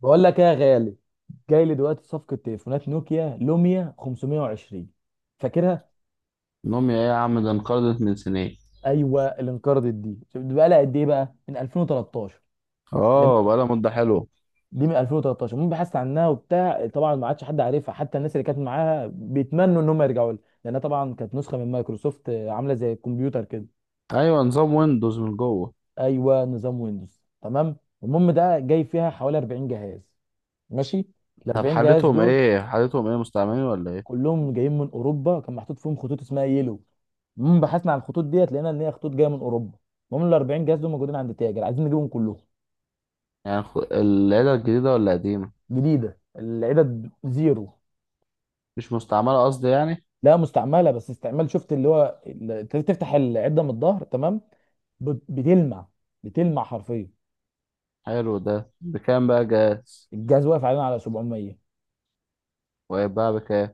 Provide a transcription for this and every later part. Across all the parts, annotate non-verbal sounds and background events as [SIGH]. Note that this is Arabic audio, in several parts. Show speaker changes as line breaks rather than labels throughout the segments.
بقول لك ايه يا غالي. جاي لي دلوقتي صفقه تليفونات نوكيا لوميا 520. فاكرها؟
نوميا ايه يا عم؟ ده انقرضت من سنين.
ايوه، اللي انقرضت دي. شوف دي بقى لها قد ايه، بقى من 2013.
اه،
جميل.
بقالها مدة حلوة.
دي من 2013. المهم بحثت عنها وبتاع، طبعا ما عادش حد عارفها، حتى الناس اللي كانت معاها بيتمنوا ان هم يرجعوا لها، لانها طبعا كانت نسخه من مايكروسوفت، عامله زي الكمبيوتر كده.
ايوه، نظام ويندوز من جوه.
ايوه نظام ويندوز تمام. المهم ده جاي فيها حوالي 40 جهاز. ماشي. ال
طب
40 جهاز
حالتهم
دول
ايه، مستعملين ولا ايه؟
كلهم جايين من اوروبا، كان محطوط فيهم خطوط اسمها يلو. المهم بحثنا عن الخطوط ديت، لقينا ان هي خطوط جايه من اوروبا. المهم ال 40 جهاز دول موجودين عند تاجر، عايزين نجيبهم كلهم.
يعني العيلة الجديدة ولا قديمة؟
جديده، العدد زيرو.
مش مستعملة قصدي يعني.
لا مستعمله بس استعمال، شفت اللي هو تفتح العده من الظهر تمام. بتلمع. بتلمع حرفيا.
حلو، ده بكام بقى جاهز؟
الجهاز واقف علينا على 700.
وهيتباع بكام؟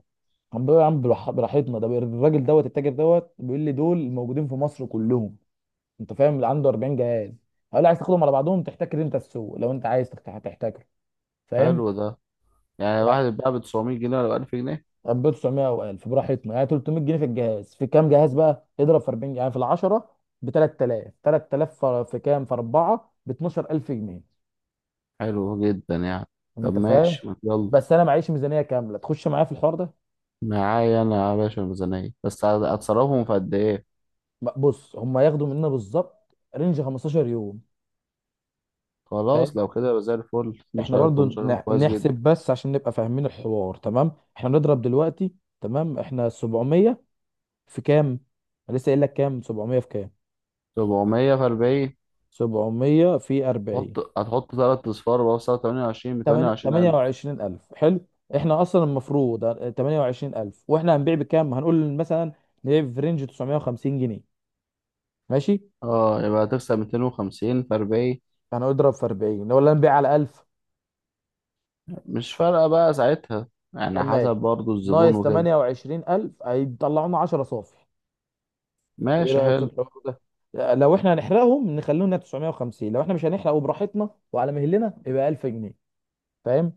عم بيقول يا عم براحتنا. ده الراجل دوت التاجر دوت بيقول لي دول موجودين في مصر كلهم. انت فاهم، اللي عنده 40 جهاز. هقول له عايز تاخدهم على بعضهم، تحتكر انت السوق لو انت عايز تحتكر. فاهم.
حلو ده. يعني واحد
يعني
يتباع ب 900 جنيه ولا ب 1000 جنيه؟
1900 او 1000 براحتنا، يعني 300 جنيه في الجهاز، في كام جهاز، بقى اضرب في 40، يعني في ال 10 ب 3000. 3000 في كام، في 4 ب 12000 جنيه.
حلو جدا يعني. طب
انت فاهم.
ماشي، ما يلا.
بس انا معيش ميزانيه كامله تخش معايا في الحوار ده.
معايا انا يا باشا الميزانية، بس هتصرفهم في قد ايه؟
بص هم ياخدوا مننا بالظبط رينج 15 يوم.
خلاص
فاهم.
لو كده يبقى زي الفل،
احنا
12000،
برضو
15000، كويس جدا.
نحسب بس عشان نبقى فاهمين الحوار تمام. احنا نضرب دلوقتي. تمام. احنا 700 في كام. أنا لسه قايل لك كام، 700 في كام.
700 في 40،
700 في 40.
هتحط تلات أصفار بقى في سعر 28، بتمانية وعشرين ألف.
28000 حلو. احنا اصلا المفروض 28000. واحنا هنبيع بكام، هنقول مثلا نبيع في رينج 950 جنيه. ماشي.
اه، يبقى هتكسب 250 في 40.
انا اضرب في 40 ولا نبيع على 1000.
مش فارقة بقى ساعتها، يعني
تمام.
حسب برضو الزبون
ناقص
وكده.
28000 هيطلعوا لنا 10 صافي. ايه
ماشي
رايك في
حلو،
الحوار ده؟ لو احنا هنحرقهم نخليهم 950، لو احنا مش هنحرق وبراحتنا وعلى مهلنا يبقى 1000 جنيه. فاهم.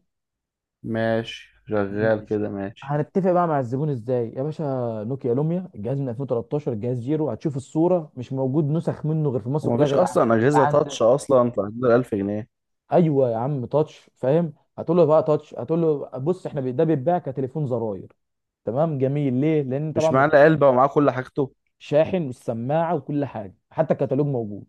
ماشي شغال
ماشي.
كده، ماشي.
هنتفق بقى مع الزبون ازاي يا باشا. نوكيا لوميا، الجهاز من 2013، الجهاز زيرو، هتشوف الصوره، مش موجود نسخ منه غير في مصر كلها،
ومفيش
غير
أصلا
غير
أجهزة
عند.
تاتش أصلا في حدود الألف جنيه.
ايوه يا عم تاتش فاهم. هتقول له بقى تاتش، هتقول له بص احنا ده بيتباع كتليفون زراير. تمام جميل. ليه؟ لان طبعا
مش
ما
معاه إلا
فيهوش
علبة ومعاه كل حاجته.
شاحن والسماعه وكل حاجه، حتى الكتالوج موجود.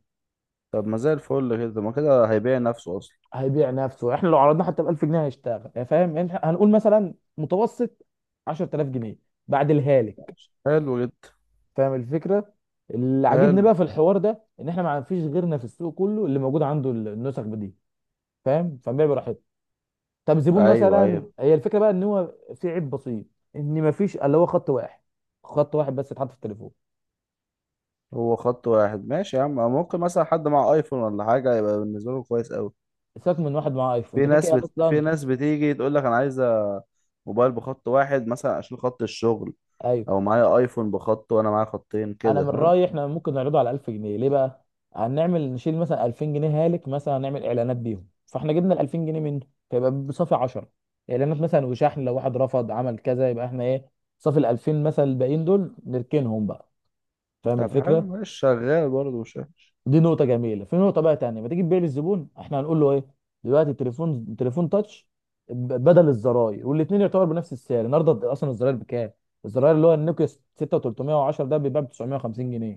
طب ما زي الفل كده، ما كده هيبيع نفسه أصلا.
هيبيع نفسه. احنا لو عرضناه حتى ب 1000 جنيه هيشتغل، يا فاهم، يعني إحنا هنقول مثلا متوسط 10000 جنيه بعد الهالك.
حلو جدا.
فاهم الفكره. اللي عاجبني
حلو.
بقى في الحوار ده ان احنا ما فيش غيرنا في السوق كله اللي موجود عنده النسخ دي. فاهم. فبيع براحته. طب زبون
أيوه
مثلا،
أيوه.
هي الفكره بقى ان هو في عيب بسيط، ان ما فيش اللي هو خط واحد، خط واحد بس اتحط في التليفون.
هو خط واحد، ماشي يا عم، ممكن مثلا حد مع ايفون ولا حاجة يبقى بالنسبة له كويس أوي.
سيبك من واحد معاه ايفون، انت كده كده
في
اصلا.
ناس بتيجي تقول لك انا عايزه موبايل بخط واحد مثلا عشان خط الشغل.
ايوه،
او معايا ايفون بخط وانا معايا خطين
انا
كده،
من
فاهم؟
رايي احنا ممكن نعرضه على 1000 جنيه. ليه بقى؟ هنعمل نشيل مثلا 2000 جنيه هالك، مثلا هنعمل اعلانات بيهم، فاحنا جبنا ال 2000 جنيه منه، فيبقى بصافي 10. اعلانات مثلا وشحن، لو واحد رفض عمل كذا، يبقى احنا ايه، صافي ال 2000 مثلا، الباقيين دول نركنهم بقى. فاهم
طب حلو،
الفكره.
ماشي شغال برضه، مش وحش.
دي نقطه جميله. في نقطه بقى تانية، ما تيجي تبيع للزبون احنا هنقول له ايه. دلوقتي التليفون تليفون تاتش بدل الزراير، والاثنين يعتبر بنفس السعر. النهارده اصلا الزراير بكام؟ الزراير اللي هو النوكيا 6310 ده بيتباع ب 950 جنيه.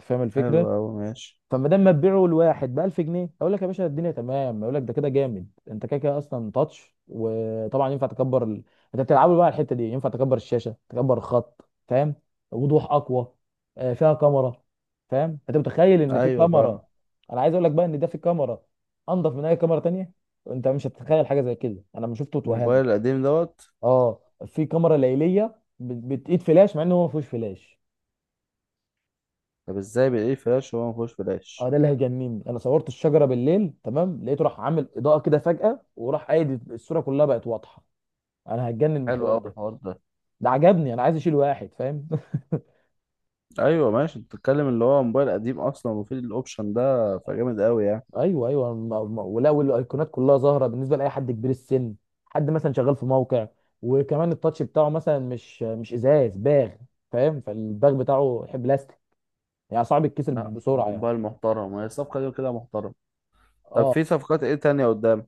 أنت فاهم
حلو
الفكره.
اوي، ماشي.
فما دام ما تبيعه لواحد ب 1000 جنيه اقول لك يا باشا الدنيا تمام، اقول لك ده كده جامد. انت كده كده اصلا تاتش، وطبعا ينفع تكبر انت بتلعبوا بقى على الحته دي، ينفع تكبر الشاشه، تكبر الخط. فاهم. وضوح اقوى. فيها كاميرا. فاهم، انت متخيل ان في
ايوه فاهم.
كاميرا. انا عايز اقول لك بقى ان ده في كاميرا انضف من اي كاميرا تانية. انت مش هتتخيل حاجه زي كده، انا لما شفته اتوهمت.
الموبايل القديم دوت.
اه في كاميرا ليليه بتقيد فلاش مع انه هو ما فيهوش فلاش.
طب ازاي بالايه فلاش وهو مفيهوش
اه
فلاش؟
ده اللي هيجنني. انا صورت الشجره بالليل تمام، لقيته راح عامل اضاءه كده فجاه، وراح قايد الصوره كلها بقت واضحه. انا هتجنن من
حلو
الحوار
اوي
ده.
الحوار ده.
ده عجبني، انا عايز اشيل واحد. فاهم.
ايوه ماشي، انت بتتكلم اللي هو موبايل قديم اصلا وفي الاوبشن ده، فجامد اوي يعني.
[LAUGHS] ايوه ايوه. ولا والايقونات كلها ظاهره بالنسبه لاي حد كبير السن، حد مثلا شغال في موقع. وكمان التاتش بتاعه مثلا مش ازاز باغ. فاهم، فالباغ بتاعه يحب بلاستيك، يعني صعب يتكسر
لا
بسرعه
هو
يعني.
موبايل محترم، هي الصفقه دي كده محترم. طب
اه
في صفقات ايه تانية قدام؟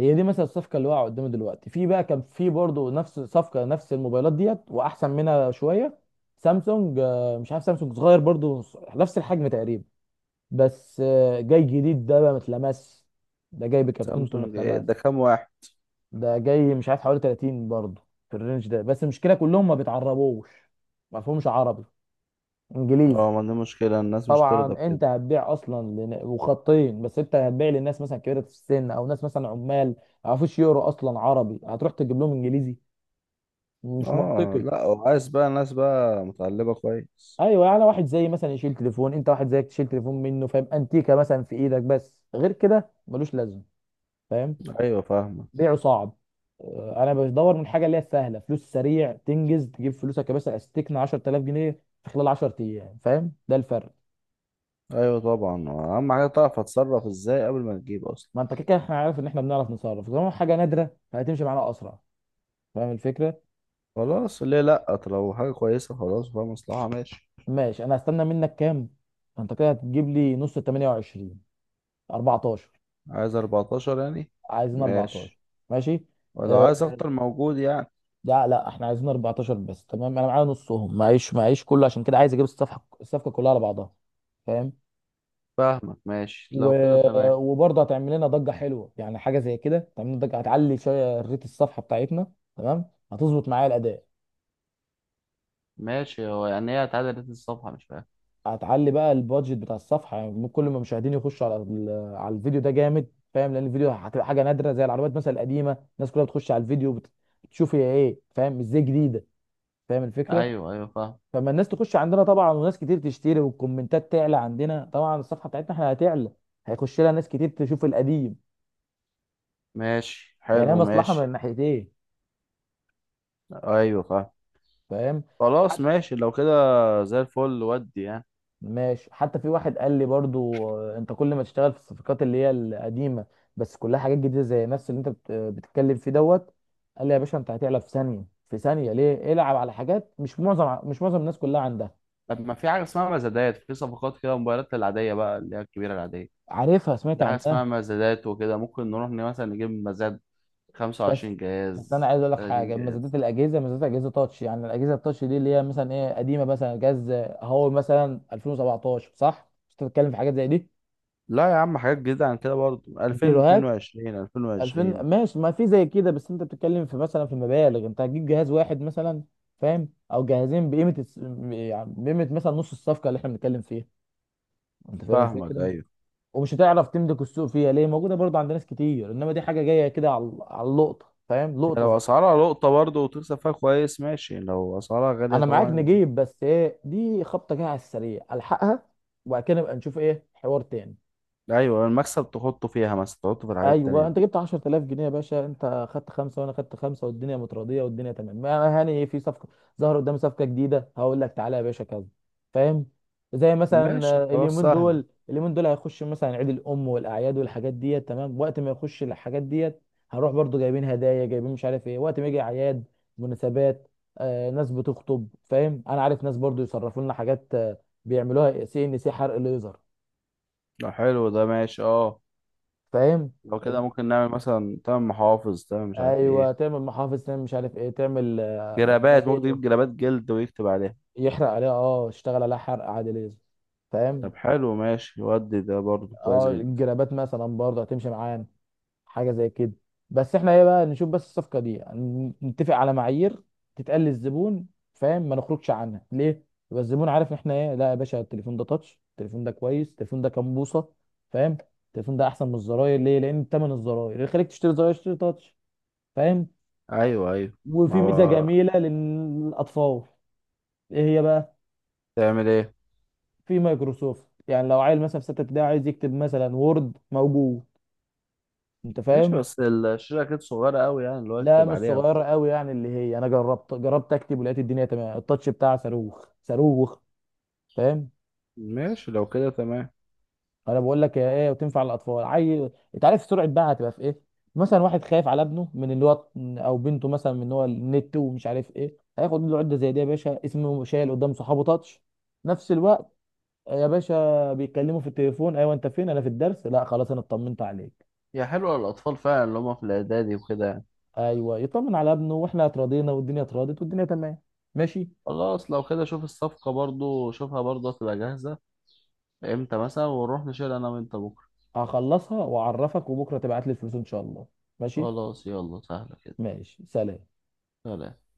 هي دي مثلا الصفقه اللي واقعه قدامي دلوقتي. في بقى كان في برضه نفس صفقه، نفس الموبايلات ديت واحسن منها شويه. سامسونج، مش عارف، سامسونج صغير برضه، نفس الحجم تقريبا. بس جاي جديد ده بقى ما اتلمس، ده جاي بكرتونته ما
سامسونج إيه
اتلمس.
ده، كام واحد؟
ده جاي مش عارف حوالي 30 برضه في الرينج ده. بس المشكله كلهم ما بيتعربوش، ما فيهمش عربي، انجليزي.
اه، ما دي مشكلة الناس مش ترضى
طبعا
بكده.
انت هتبيع اصلا وخطين بس، انت هتبيع للناس مثلا كبيره في السن، او ناس مثلا عمال ما يعرفوش يقروا اصلا عربي، هتروح تجيب لهم انجليزي، مش
اه
منطقي.
لا، وعايز بقى الناس بقى متعلبة كويس.
ايوه. يعني واحد زي مثلا يشيل تليفون، انت واحد زيك تشيل تليفون منه، فاهم، انتيكه مثلا في ايدك، بس غير كده ملوش لازمه. فاهم.
ايوه فاهمة.
بيعه صعب. اه، انا بدور من حاجه اللي هي سهله، فلوس سريع تنجز، تجيب فلوسك يا باشا، استكنى 10000 جنيه في خلال 10 ايام. فاهم ده الفرق.
ايوه طبعا، اهم حاجة تعرف هتصرف ازاي قبل ما تجيب اصلا.
ما انت كده كده احنا عارف ان احنا بنعرف نصرف، طالما حاجه نادره فهتمشي معانا اسرع. فاهم الفكره.
خلاص، ليه لا، طب لو حاجة كويسة خلاص وفيها مصلحة، ماشي.
ماشي. انا هستنى منك كام. انت كده هتجيب لي نص ال 28، 14.
عايز 14 يعني؟
عايزين
ماشي.
14. ماشي.
ولو
أه.
عايز اكتر موجود يعني.
لا لا احنا عايزين 14 بس. تمام، انا معايا نصهم، معيش معيش كله، عشان كده عايز اجيب الصفحه الصفقه كلها على بعضها. فاهم.
فاهمك، ماشي
و...
لو كده تمام.
وبرضه هتعمل لنا ضجه حلوه، يعني حاجه زي كده تعمل لنا ضجه، هتعلي شويه ريت الصفحه بتاعتنا تمام. هتظبط معايا الاداء.
ماشي، هو يعني هي اتعدلت الصفحة؟ مش فاهم.
هتعلي بقى البادجت بتاع الصفحه، يعني كل ما المشاهدين يخشوا على على الفيديو ده جامد. فاهم، لان الفيديو هتبقى حاجه نادره زي العربيات مثلا القديمه. الناس كلها بتخش على الفيديو، بتشوف هي ايه، فاهم ازاي جديده. فاهم الفكره.
ايوه ايوه فاهم.
فما الناس تخش عندنا طبعا وناس كتير تشتري، والكومنتات تعلى عندنا طبعا، الصفحه بتاعتنا احنا هتعلى، هيخش لها ناس كتير تشوف القديم.
ماشي
يعني هي
حلو
مصلحه من
ماشي.
الناحيتين.
ايوه فاهم.
فاهم.
خلاص ماشي لو كده. زي الفل ودي يعني.
ماشي. حتى في واحد قال لي برضو انت كل ما تشتغل في الصفقات اللي هي القديمه، بس كلها حاجات جديده زي نفس اللي انت بتتكلم فيه دوت. قال لي يا باشا انت هتعلى في ثانيه في ثانيه، ليه العب على حاجات، مش معظم الناس كلها عندها.
طب ما في حاجه اسمها مزادات، في صفقات كده موبايلات العاديه بقى اللي هي الكبيره العاديه.
عارفها، سمعت
في حاجه اسمها
عنها.
مزادات وكده، ممكن نروح مثلا نجيب مزاد.
بس
25
بس انا
جهاز،
عايز اقول لك
30
حاجه، مزادات
جهاز.
الاجهزه، مزادات اجهزه تاتش، يعني الاجهزه التاتش دي اللي هي مثلا ايه قديمه، مثلا جهاز هواوي مثلا 2017، صح؟ مش أنت بتتكلم في حاجات زي دي.
لا يا عم، حاجات جديده عن كده برضه،
زيروهات
2022،
2000.
2020.
ماشي، ما في زي كده. بس انت بتتكلم في مثلا في مبالغ، انت هتجيب جهاز واحد مثلا، فاهم، او جهازين يعني بقيمه مثلا نص الصفقه اللي احنا بنتكلم فيها. انت فاهم
فاهمك،
الفكره.
ايوه.
ومش هتعرف تملك السوق فيها، ليه؟ موجوده برضه عند ناس كتير. انما دي حاجه جايه كده على اللقطه. فاهم،
يعني
لقطه.
لو اسعارها لقطه برضه وتكسب فيها كويس، ماشي. لو اسعارها غاليه
انا معاك،
طبعا.
نجيب بس ايه دي خبطه جايه على السريع الحقها، وبعد كده نبقى نشوف ايه حوار تاني.
يبقى ايوه، المكسب تحطه فيها مثلا، تحطه في الحاجات التانيه
ايوه.
دي.
انت جبت 10000 جنيه يا باشا، انت خدت خمسه وانا خدت خمسه والدنيا متراضيه والدنيا تمام. ما هاني في صفقه ظهر قدامي، صفقه جديده، هقول لك تعالى يا باشا كذا. فاهم. زي مثلا،
ماشي خلاص،
اليومين
سهله.
دول، هيخش مثلا عيد الام والاعياد والحاجات ديت تمام. وقت ما يخش الحاجات ديت هنروح برضو جايبين هدايا، جايبين مش عارف ايه، وقت ما يجي اعياد، مناسبات. ناس بتخطب، فاهم، انا عارف ناس برضو يصرفوا لنا حاجات، بيعملوها سي ان سي، حرق ليزر.
لو حلو ده ماشي اه.
فاهم.
لو كده ممكن نعمل مثلا تمن محافظ، تمن مش عارف ايه.
ايوه تعمل محافظ، تعمل مش عارف ايه، تعمل
جرابات ممكن
ميداليه،
تجيب، جرابات جلد ويكتب عليها.
يحرق عليها، يشتغل عليها حرق عادي ليزر.
طب
فاهم.
حلو، ماشي، ودي ده برضه كويس
اه
جدا.
الجرابات مثلا برضه هتمشي معانا، حاجه زي كده. بس احنا ايه بقى نشوف بس الصفقه دي، يعني نتفق على معايير تتقال للزبون. فاهم، ما نخرجش عنها ليه، يبقى الزبون عارف احنا ايه. لا يا باشا التليفون ده تاتش، التليفون ده كويس، التليفون ده كام بوصه. فاهم. التليفون ده احسن من الزراير، ليه؟ لان ثمن الزراير اللي يخليك تشتري زراير تشتري تاتش. فاهم.
ايوه ايوه. ما
وفي ميزه
هو.
جميله للاطفال. ايه هي بقى؟
تعمل ايه؟
في مايكروسوفت، يعني لو عيل مثلا في سته ابتدائي عايز يكتب مثلا وورد موجود. انت
ماشي
فاهم.
بس الشاشة كده صغيرة قوي يعني، اللي هو
لا
يكتب
مش
عليها وكده.
صغيره قوي، يعني اللي هي انا جربت، جربت اكتب ولقيت الدنيا تمام. التاتش بتاعها صاروخ صاروخ. فاهم.
ماشي لو كده تمام.
انا بقول لك يا ايه وتنفع للاطفال عيل. انت عارف سرعه بقى هتبقى في ايه، مثلا واحد خايف على ابنه من اللي هو، او بنته مثلا من اللي هو النت ومش عارف ايه، هياخد له عده زي دي يا باشا، اسمه شايل قدام صحابه تاتش نفس الوقت. يا باشا بيتكلموا في التليفون، ايوه انت فين، انا في الدرس، لا خلاص انا اطمنت عليك.
هي حلوة للأطفال فعلا، اللي هم في الإعدادي وكده يعني.
ايوه. يطمن على ابنه واحنا اتراضينا والدنيا اتراضت والدنيا تمام. ماشي.
خلاص لو كده، شوف الصفقة برضو، شوفها برضو هتبقى جاهزة إمتى مثلا ونروح نشيل أنا وأنت بكرة.
هخلصها واعرفك، وبكره تبعت لي الفلوس ان شاء الله. ماشي.
خلاص يلا، سهلة كده.
ماشي سلام.
سلام.